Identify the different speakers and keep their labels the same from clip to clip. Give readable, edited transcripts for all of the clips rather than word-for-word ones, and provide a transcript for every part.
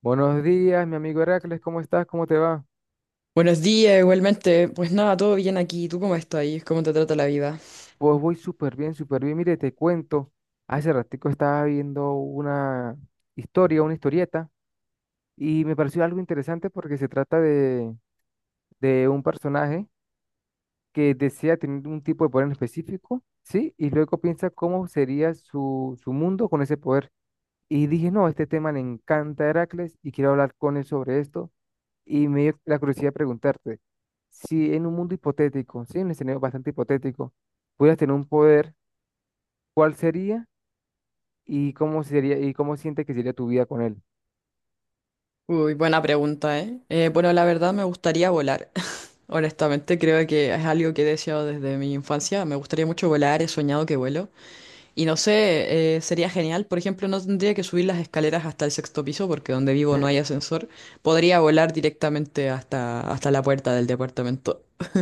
Speaker 1: Buenos días, mi amigo Heracles, ¿cómo estás? ¿Cómo te va?
Speaker 2: Buenos días, igualmente. Pues nada, todo bien aquí. ¿Tú cómo estás ahí? ¿Cómo te trata la vida?
Speaker 1: Pues voy súper bien, súper bien. Mire, te cuento, hace ratico estaba viendo una historia, una historieta, y me pareció algo interesante porque se trata de un personaje que desea tener un tipo de poder en específico, ¿sí? Y luego piensa cómo sería su mundo con ese poder. Y dije, no, este tema le encanta a Heracles y quiero hablar con él sobre esto. Y me dio la curiosidad de preguntarte si en un mundo hipotético, sí, un escenario bastante hipotético, pudieras tener un poder, ¿cuál sería y cómo sientes que sería tu vida con él?
Speaker 2: Uy, buena pregunta, ¿eh? Bueno, la verdad me gustaría volar. Honestamente, creo que es algo que he deseado desde mi infancia. Me gustaría mucho volar, he soñado que vuelo. Y no sé, sería genial. Por ejemplo, no tendría que subir las escaleras hasta el sexto piso porque donde vivo no hay ascensor. Podría volar directamente hasta, hasta la puerta del departamento.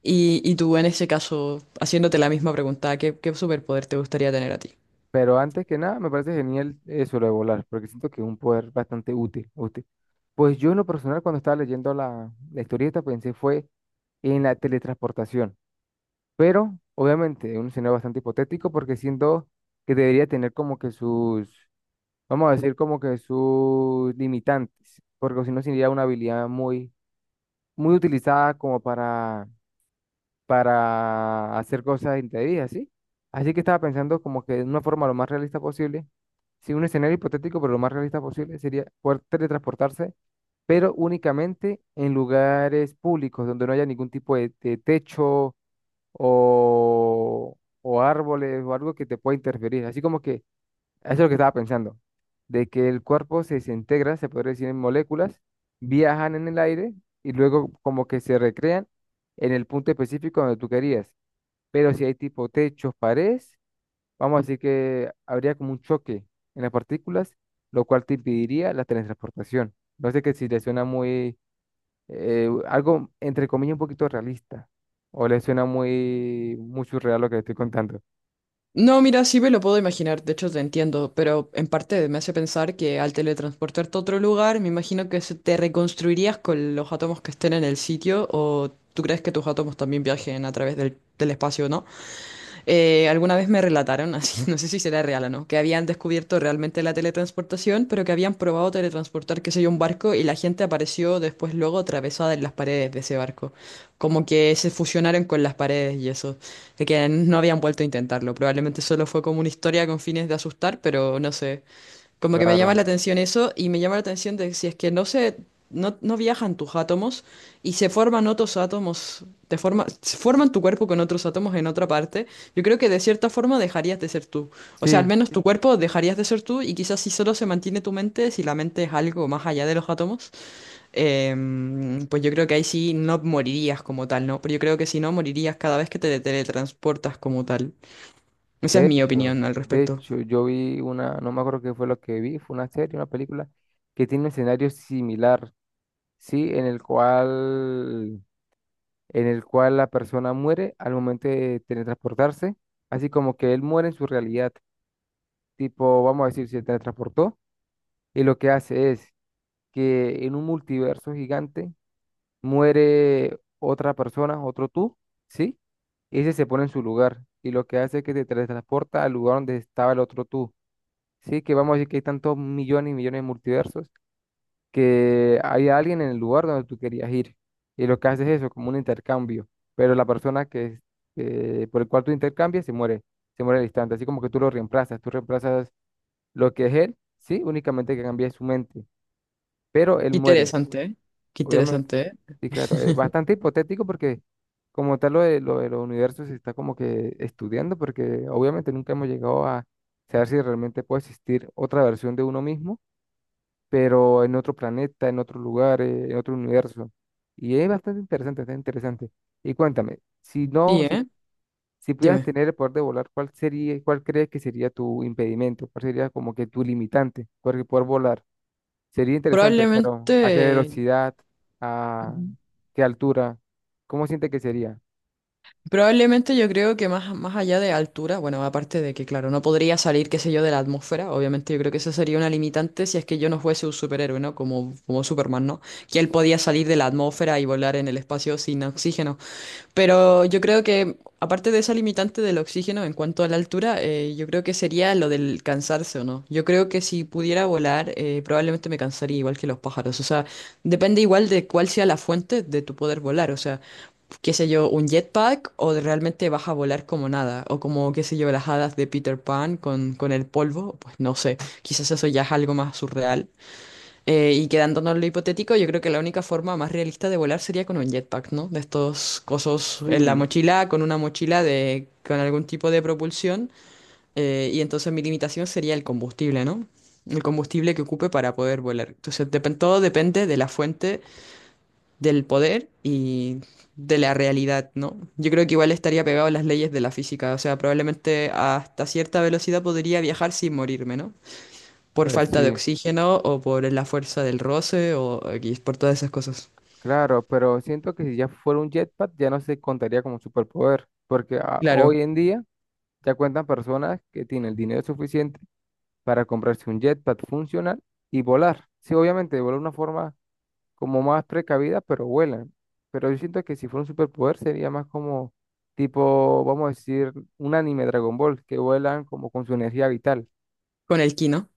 Speaker 2: Y tú, en ese caso, haciéndote la misma pregunta, ¿qué superpoder te gustaría tener a ti?
Speaker 1: Pero antes que nada, me parece genial eso lo de volar, porque siento que es un poder bastante útil, útil. Pues yo en lo personal, cuando estaba leyendo la historieta, pensé fue en la teletransportación. Pero, obviamente, es un escenario bastante hipotético, porque siento que debería tener como que sus, vamos a decir, como que sus limitantes, porque si no sería una habilidad muy utilizada como para hacer cosas indebidas, ¿sí? Así que estaba pensando como que de una forma lo más realista posible, sí, un escenario hipotético, pero lo más realista posible sería poder teletransportarse, pero únicamente en lugares públicos donde no haya ningún tipo de techo o árboles o algo que te pueda interferir. Así como que eso es lo que estaba pensando, de que el cuerpo se desintegra, se podría decir, en moléculas, viajan en el aire y luego como que se recrean en el punto específico donde tú querías. Pero si hay tipo techos, paredes, vamos a decir que habría como un choque en las partículas, lo cual te impediría la teletransportación. No sé que si le suena muy, algo entre comillas un poquito realista, o le suena muy, muy surreal lo que le estoy contando.
Speaker 2: No, mira, sí me lo puedo imaginar, de hecho te entiendo, pero en parte me hace pensar que al teletransportarte a otro lugar, me imagino que se te reconstruirías con los átomos que estén en el sitio, o tú crees que tus átomos también viajen a través del espacio, ¿no? Alguna vez me relataron, así, no sé si será real o no, que habían descubierto realmente la teletransportación, pero que habían probado teletransportar, qué sé yo, un barco y la gente apareció después luego atravesada en las paredes de ese barco. Como que se fusionaron con las paredes y eso. De que no habían vuelto a intentarlo. Probablemente solo fue como una historia con fines de asustar, pero no sé. Como que me llama
Speaker 1: Claro.
Speaker 2: la atención eso y me llama la atención de si es que no se, no viajan tus átomos y se forman otros átomos, te forma, se forman tu cuerpo con otros átomos en otra parte, yo creo que de cierta forma dejarías de ser tú. O sea, al
Speaker 1: Sí,
Speaker 2: menos tu cuerpo dejarías de ser tú y quizás si solo se mantiene tu mente, si la mente es algo más allá de los átomos, pues yo creo que ahí sí no morirías como tal, ¿no? Pero yo creo que si no, morirías cada vez que te teletransportas como tal. Esa es
Speaker 1: de
Speaker 2: mi
Speaker 1: hecho,
Speaker 2: opinión al
Speaker 1: de
Speaker 2: respecto.
Speaker 1: hecho, yo vi una, no me acuerdo qué fue lo que vi, fue una serie, una película que tiene un escenario similar, sí, en el cual la persona muere al momento de teletransportarse, así como que él muere en su realidad, tipo, vamos a decir, se teletransportó y lo que hace es que en un multiverso gigante muere otra persona, otro tú, sí, y ese se pone en su lugar y lo que hace es que te teletransporta al lugar donde estaba el otro tú. Sí, que vamos a decir que hay tantos millones y millones de multiversos que hay alguien en el lugar donde tú querías ir. Y lo que haces es eso, como un intercambio. Pero la persona por el cual tú intercambias se muere al instante. Así como que tú lo reemplazas, tú reemplazas lo que es él, sí, únicamente que cambia su mente. Pero él
Speaker 2: Qué
Speaker 1: muere,
Speaker 2: interesante, ¿eh? Qué
Speaker 1: obviamente.
Speaker 2: interesante, ¿eh?
Speaker 1: Sí, claro, es bastante hipotético porque como tal lo de los universos se está como que estudiando porque obviamente nunca hemos llegado a saber si realmente puede existir otra versión de uno mismo pero en otro planeta, en otro lugar, en otro universo. Y es bastante interesante, está interesante. Y cuéntame, si
Speaker 2: Sí,
Speaker 1: no, si,
Speaker 2: ¿eh?
Speaker 1: si pudieras
Speaker 2: Dime,
Speaker 1: tener el poder de volar, ¿cuál sería, cuál crees que sería tu impedimento? ¿Cuál sería como que tu limitante para poder volar? Sería interesante, pero ¿a qué
Speaker 2: probablemente...
Speaker 1: velocidad? ¿A
Speaker 2: Ujú.
Speaker 1: qué altura? ¿Cómo siente que sería?
Speaker 2: Probablemente yo creo que más, más allá de altura, bueno, aparte de que, claro, no podría salir, qué sé yo, de la atmósfera, obviamente yo creo que eso sería una limitante si es que yo no fuese un superhéroe, ¿no? Como, como Superman, ¿no? Que él podía salir de la atmósfera y volar en el espacio sin oxígeno. Pero yo creo que, aparte de esa limitante del oxígeno en cuanto a la altura, yo creo que sería lo del cansarse o no. Yo creo que si pudiera volar, probablemente me cansaría igual que los pájaros. O sea, depende igual de cuál sea la fuente de tu poder volar. O sea, qué sé yo, un jetpack o realmente vas a volar como nada, o como, qué sé yo, las hadas de Peter Pan con el polvo, pues no sé, quizás eso ya es algo más surreal. Y quedándonos en lo hipotético, yo creo que la única forma más realista de volar sería con un jetpack, ¿no? De estos cosos en la
Speaker 1: Sí,
Speaker 2: mochila, con una mochila de, con algún tipo de propulsión, y entonces mi limitación sería el combustible, ¿no? El combustible que ocupe para poder volar. Entonces, todo depende de la fuente del poder y de la realidad, ¿no? Yo creo que igual estaría pegado a las leyes de la física, o sea, probablemente hasta cierta velocidad podría viajar sin morirme, ¿no? Por
Speaker 1: pues
Speaker 2: falta de
Speaker 1: sí,
Speaker 2: oxígeno o por la fuerza del roce o X, por todas esas cosas.
Speaker 1: claro, pero siento que si ya fuera un jetpack ya no se contaría como superpoder, porque ah,
Speaker 2: Claro,
Speaker 1: hoy en día ya cuentan personas que tienen el dinero suficiente para comprarse un jetpack funcional y volar. Sí, obviamente, volar de una forma como más precavida, pero vuelan. Pero yo siento que si fuera un superpoder sería más como tipo, vamos a decir, un anime Dragon Ball, que vuelan como con su energía vital.
Speaker 2: con el ki, ¿no?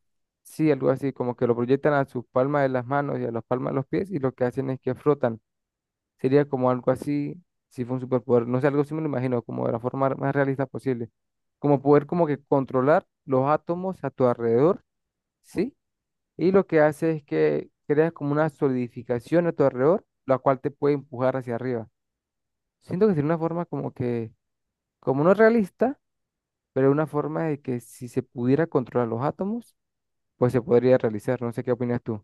Speaker 1: Sí, algo así, como que lo proyectan a sus palmas de las manos y a las palmas de los pies y lo que hacen es que flotan. Sería como algo así, si fue un superpoder, no sé, algo así me lo imagino, como de la forma más realista posible. Como poder como que controlar los átomos a tu alrededor, ¿sí? Y lo que hace es que creas como una solidificación a tu alrededor, la cual te puede empujar hacia arriba. Siento que sería una forma como que, como no realista, pero una forma de que si se pudiera controlar los átomos, pues se podría realizar. No sé qué opinas tú.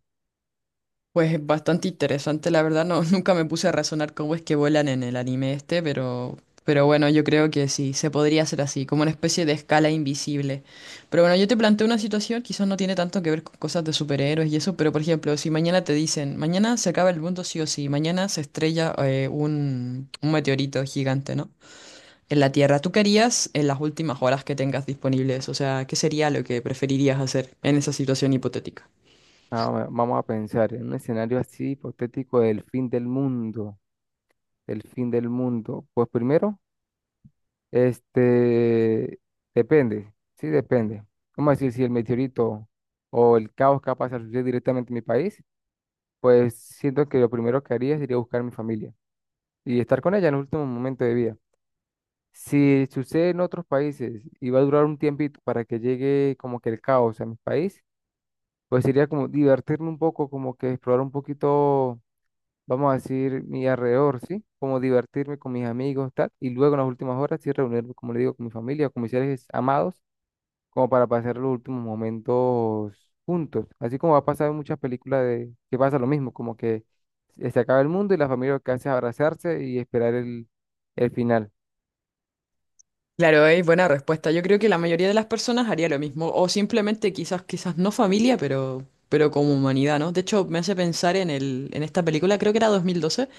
Speaker 2: Pues bastante interesante, la verdad, no, nunca me puse a razonar cómo es que vuelan en el anime este, pero bueno, yo creo que sí, se podría hacer así, como una especie de escala invisible. Pero bueno, yo te planteo una situación, quizás no tiene tanto que ver con cosas de superhéroes y eso, pero por ejemplo, si mañana te dicen, mañana se acaba el mundo sí o sí, mañana se estrella un meteorito gigante, ¿no? En la Tierra, ¿tú qué harías en las últimas horas que tengas disponibles? O sea, ¿qué sería lo que preferirías hacer en esa situación hipotética?
Speaker 1: Ah, vamos a pensar en un escenario así hipotético del fin del mundo. ¿Del fin del mundo? Pues primero, este, depende, sí depende. Vamos a decir, si el meteorito o el caos capaz de suceder directamente en mi país, pues siento que lo primero que haría sería buscar a mi familia y estar con ella en el último momento de vida. Si sucede en otros países y va a durar un tiempito para que llegue como que el caos a mi país, pues sería como divertirme un poco, como que explorar un poquito, vamos a decir, mi alrededor, ¿sí? Como divertirme con mis amigos, tal, y luego en las últimas horas sí reunirme, como le digo, con mi familia o con mis seres amados, como para pasar los últimos momentos juntos. Así como va a pasar en muchas películas de que pasa lo mismo, como que se acaba el mundo y la familia lo que hace es abrazarse y esperar el final.
Speaker 2: Claro, es buena respuesta. Yo creo que la mayoría de las personas haría lo mismo, o simplemente quizás, quizás no familia, pero como humanidad, ¿no? De hecho, me hace pensar en el, en esta película, creo que era 2012,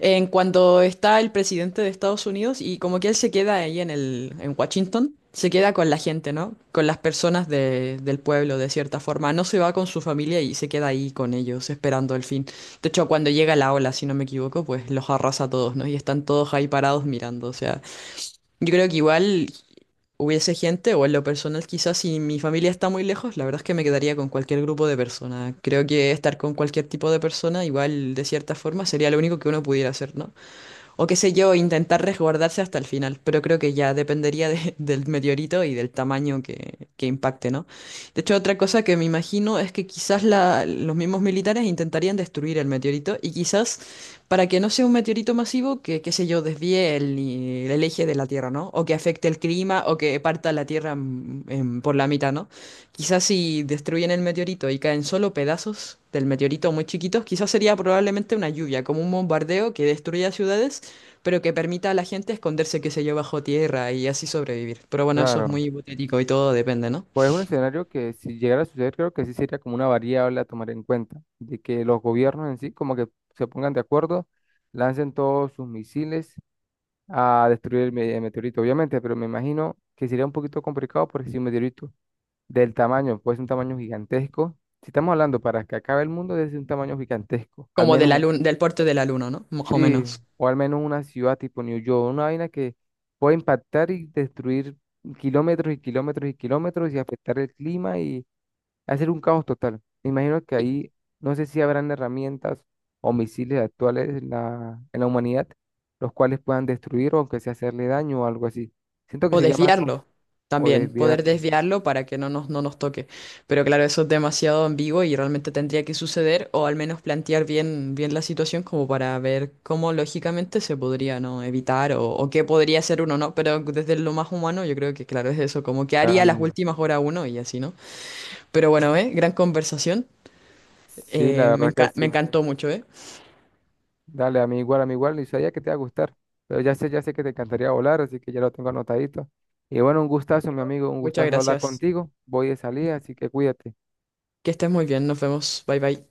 Speaker 2: en cuando está el presidente de Estados Unidos y como que él se queda ahí en el, en Washington, se queda con la gente, ¿no? Con las personas del pueblo, de cierta forma. No se va con su familia y se queda ahí con ellos, esperando el fin. De hecho, cuando llega la ola, si no me equivoco, pues los arrasa a todos, ¿no? Y están todos ahí parados mirando, o sea. Yo creo que igual hubiese gente, o en lo personal quizás si mi familia está muy lejos, la verdad es que me quedaría con cualquier grupo de personas. Creo que estar con cualquier tipo de persona, igual de cierta forma, sería lo único que uno pudiera hacer, ¿no? O qué sé yo, intentar resguardarse hasta el final. Pero creo que ya del meteorito y del tamaño que impacte, ¿no? De hecho, otra cosa que me imagino es que quizás los mismos militares intentarían destruir el meteorito y quizás para que no sea un meteorito masivo, que, qué sé yo, desvíe el eje de la Tierra, ¿no? O que afecte el clima o que parta la Tierra por la mitad, ¿no? Quizás si destruyen el meteorito y caen solo pedazos del meteorito muy chiquitos, quizás sería probablemente una lluvia, como un bombardeo que destruya ciudades pero que permita a la gente esconderse, que se yo, bajo tierra y así sobrevivir. Pero bueno, eso es
Speaker 1: Claro.
Speaker 2: muy hipotético y todo depende, ¿no?
Speaker 1: Pues es un escenario que si llegara a suceder, creo que sí sería como una variable a tomar en cuenta, de que los gobiernos en sí como que se pongan de acuerdo, lancen todos sus misiles a destruir el meteorito, obviamente, pero me imagino que sería un poquito complicado porque si un meteorito del tamaño, puede ser un tamaño gigantesco, si estamos hablando para que acabe el mundo, debe ser un tamaño gigantesco, al
Speaker 2: Como de la
Speaker 1: menos,
Speaker 2: del porte del alumno, ¿no? Más o
Speaker 1: sí,
Speaker 2: menos.
Speaker 1: o al menos una ciudad tipo New York, una vaina que puede impactar y destruir kilómetros y kilómetros y kilómetros y afectar el clima, hacer un caos total. Me imagino que
Speaker 2: Y-
Speaker 1: ahí no sé si habrán herramientas o misiles actuales en en la humanidad, los cuales puedan destruir o aunque sea hacerle daño o algo así. Siento que
Speaker 2: O
Speaker 1: sería más como
Speaker 2: desviarlo
Speaker 1: o
Speaker 2: también, poder
Speaker 1: desviarlo.
Speaker 2: desviarlo para que no nos, no nos toque. Pero claro, eso es demasiado ambiguo y realmente tendría que suceder, o al menos plantear bien, bien la situación como para ver cómo lógicamente se podría, ¿no? evitar o qué podría hacer uno, ¿no? Pero desde lo más humano yo creo que claro, es eso, como que haría las
Speaker 1: Dale.
Speaker 2: últimas horas uno y así, ¿no? Pero bueno, ¿eh? Gran conversación.
Speaker 1: Sí, la verdad que
Speaker 2: Me
Speaker 1: sí.
Speaker 2: encantó mucho, ¿eh?
Speaker 1: Dale, a mí igual, y sabía que te iba a gustar, pero ya sé que te encantaría volar, así que ya lo tengo anotadito. Y bueno, un
Speaker 2: Y,
Speaker 1: gustazo, mi
Speaker 2: bueno,
Speaker 1: amigo, un
Speaker 2: muchas
Speaker 1: gustazo hablar
Speaker 2: gracias.
Speaker 1: contigo. Voy de salida, así que cuídate.
Speaker 2: Que estés muy bien, nos vemos. Bye bye.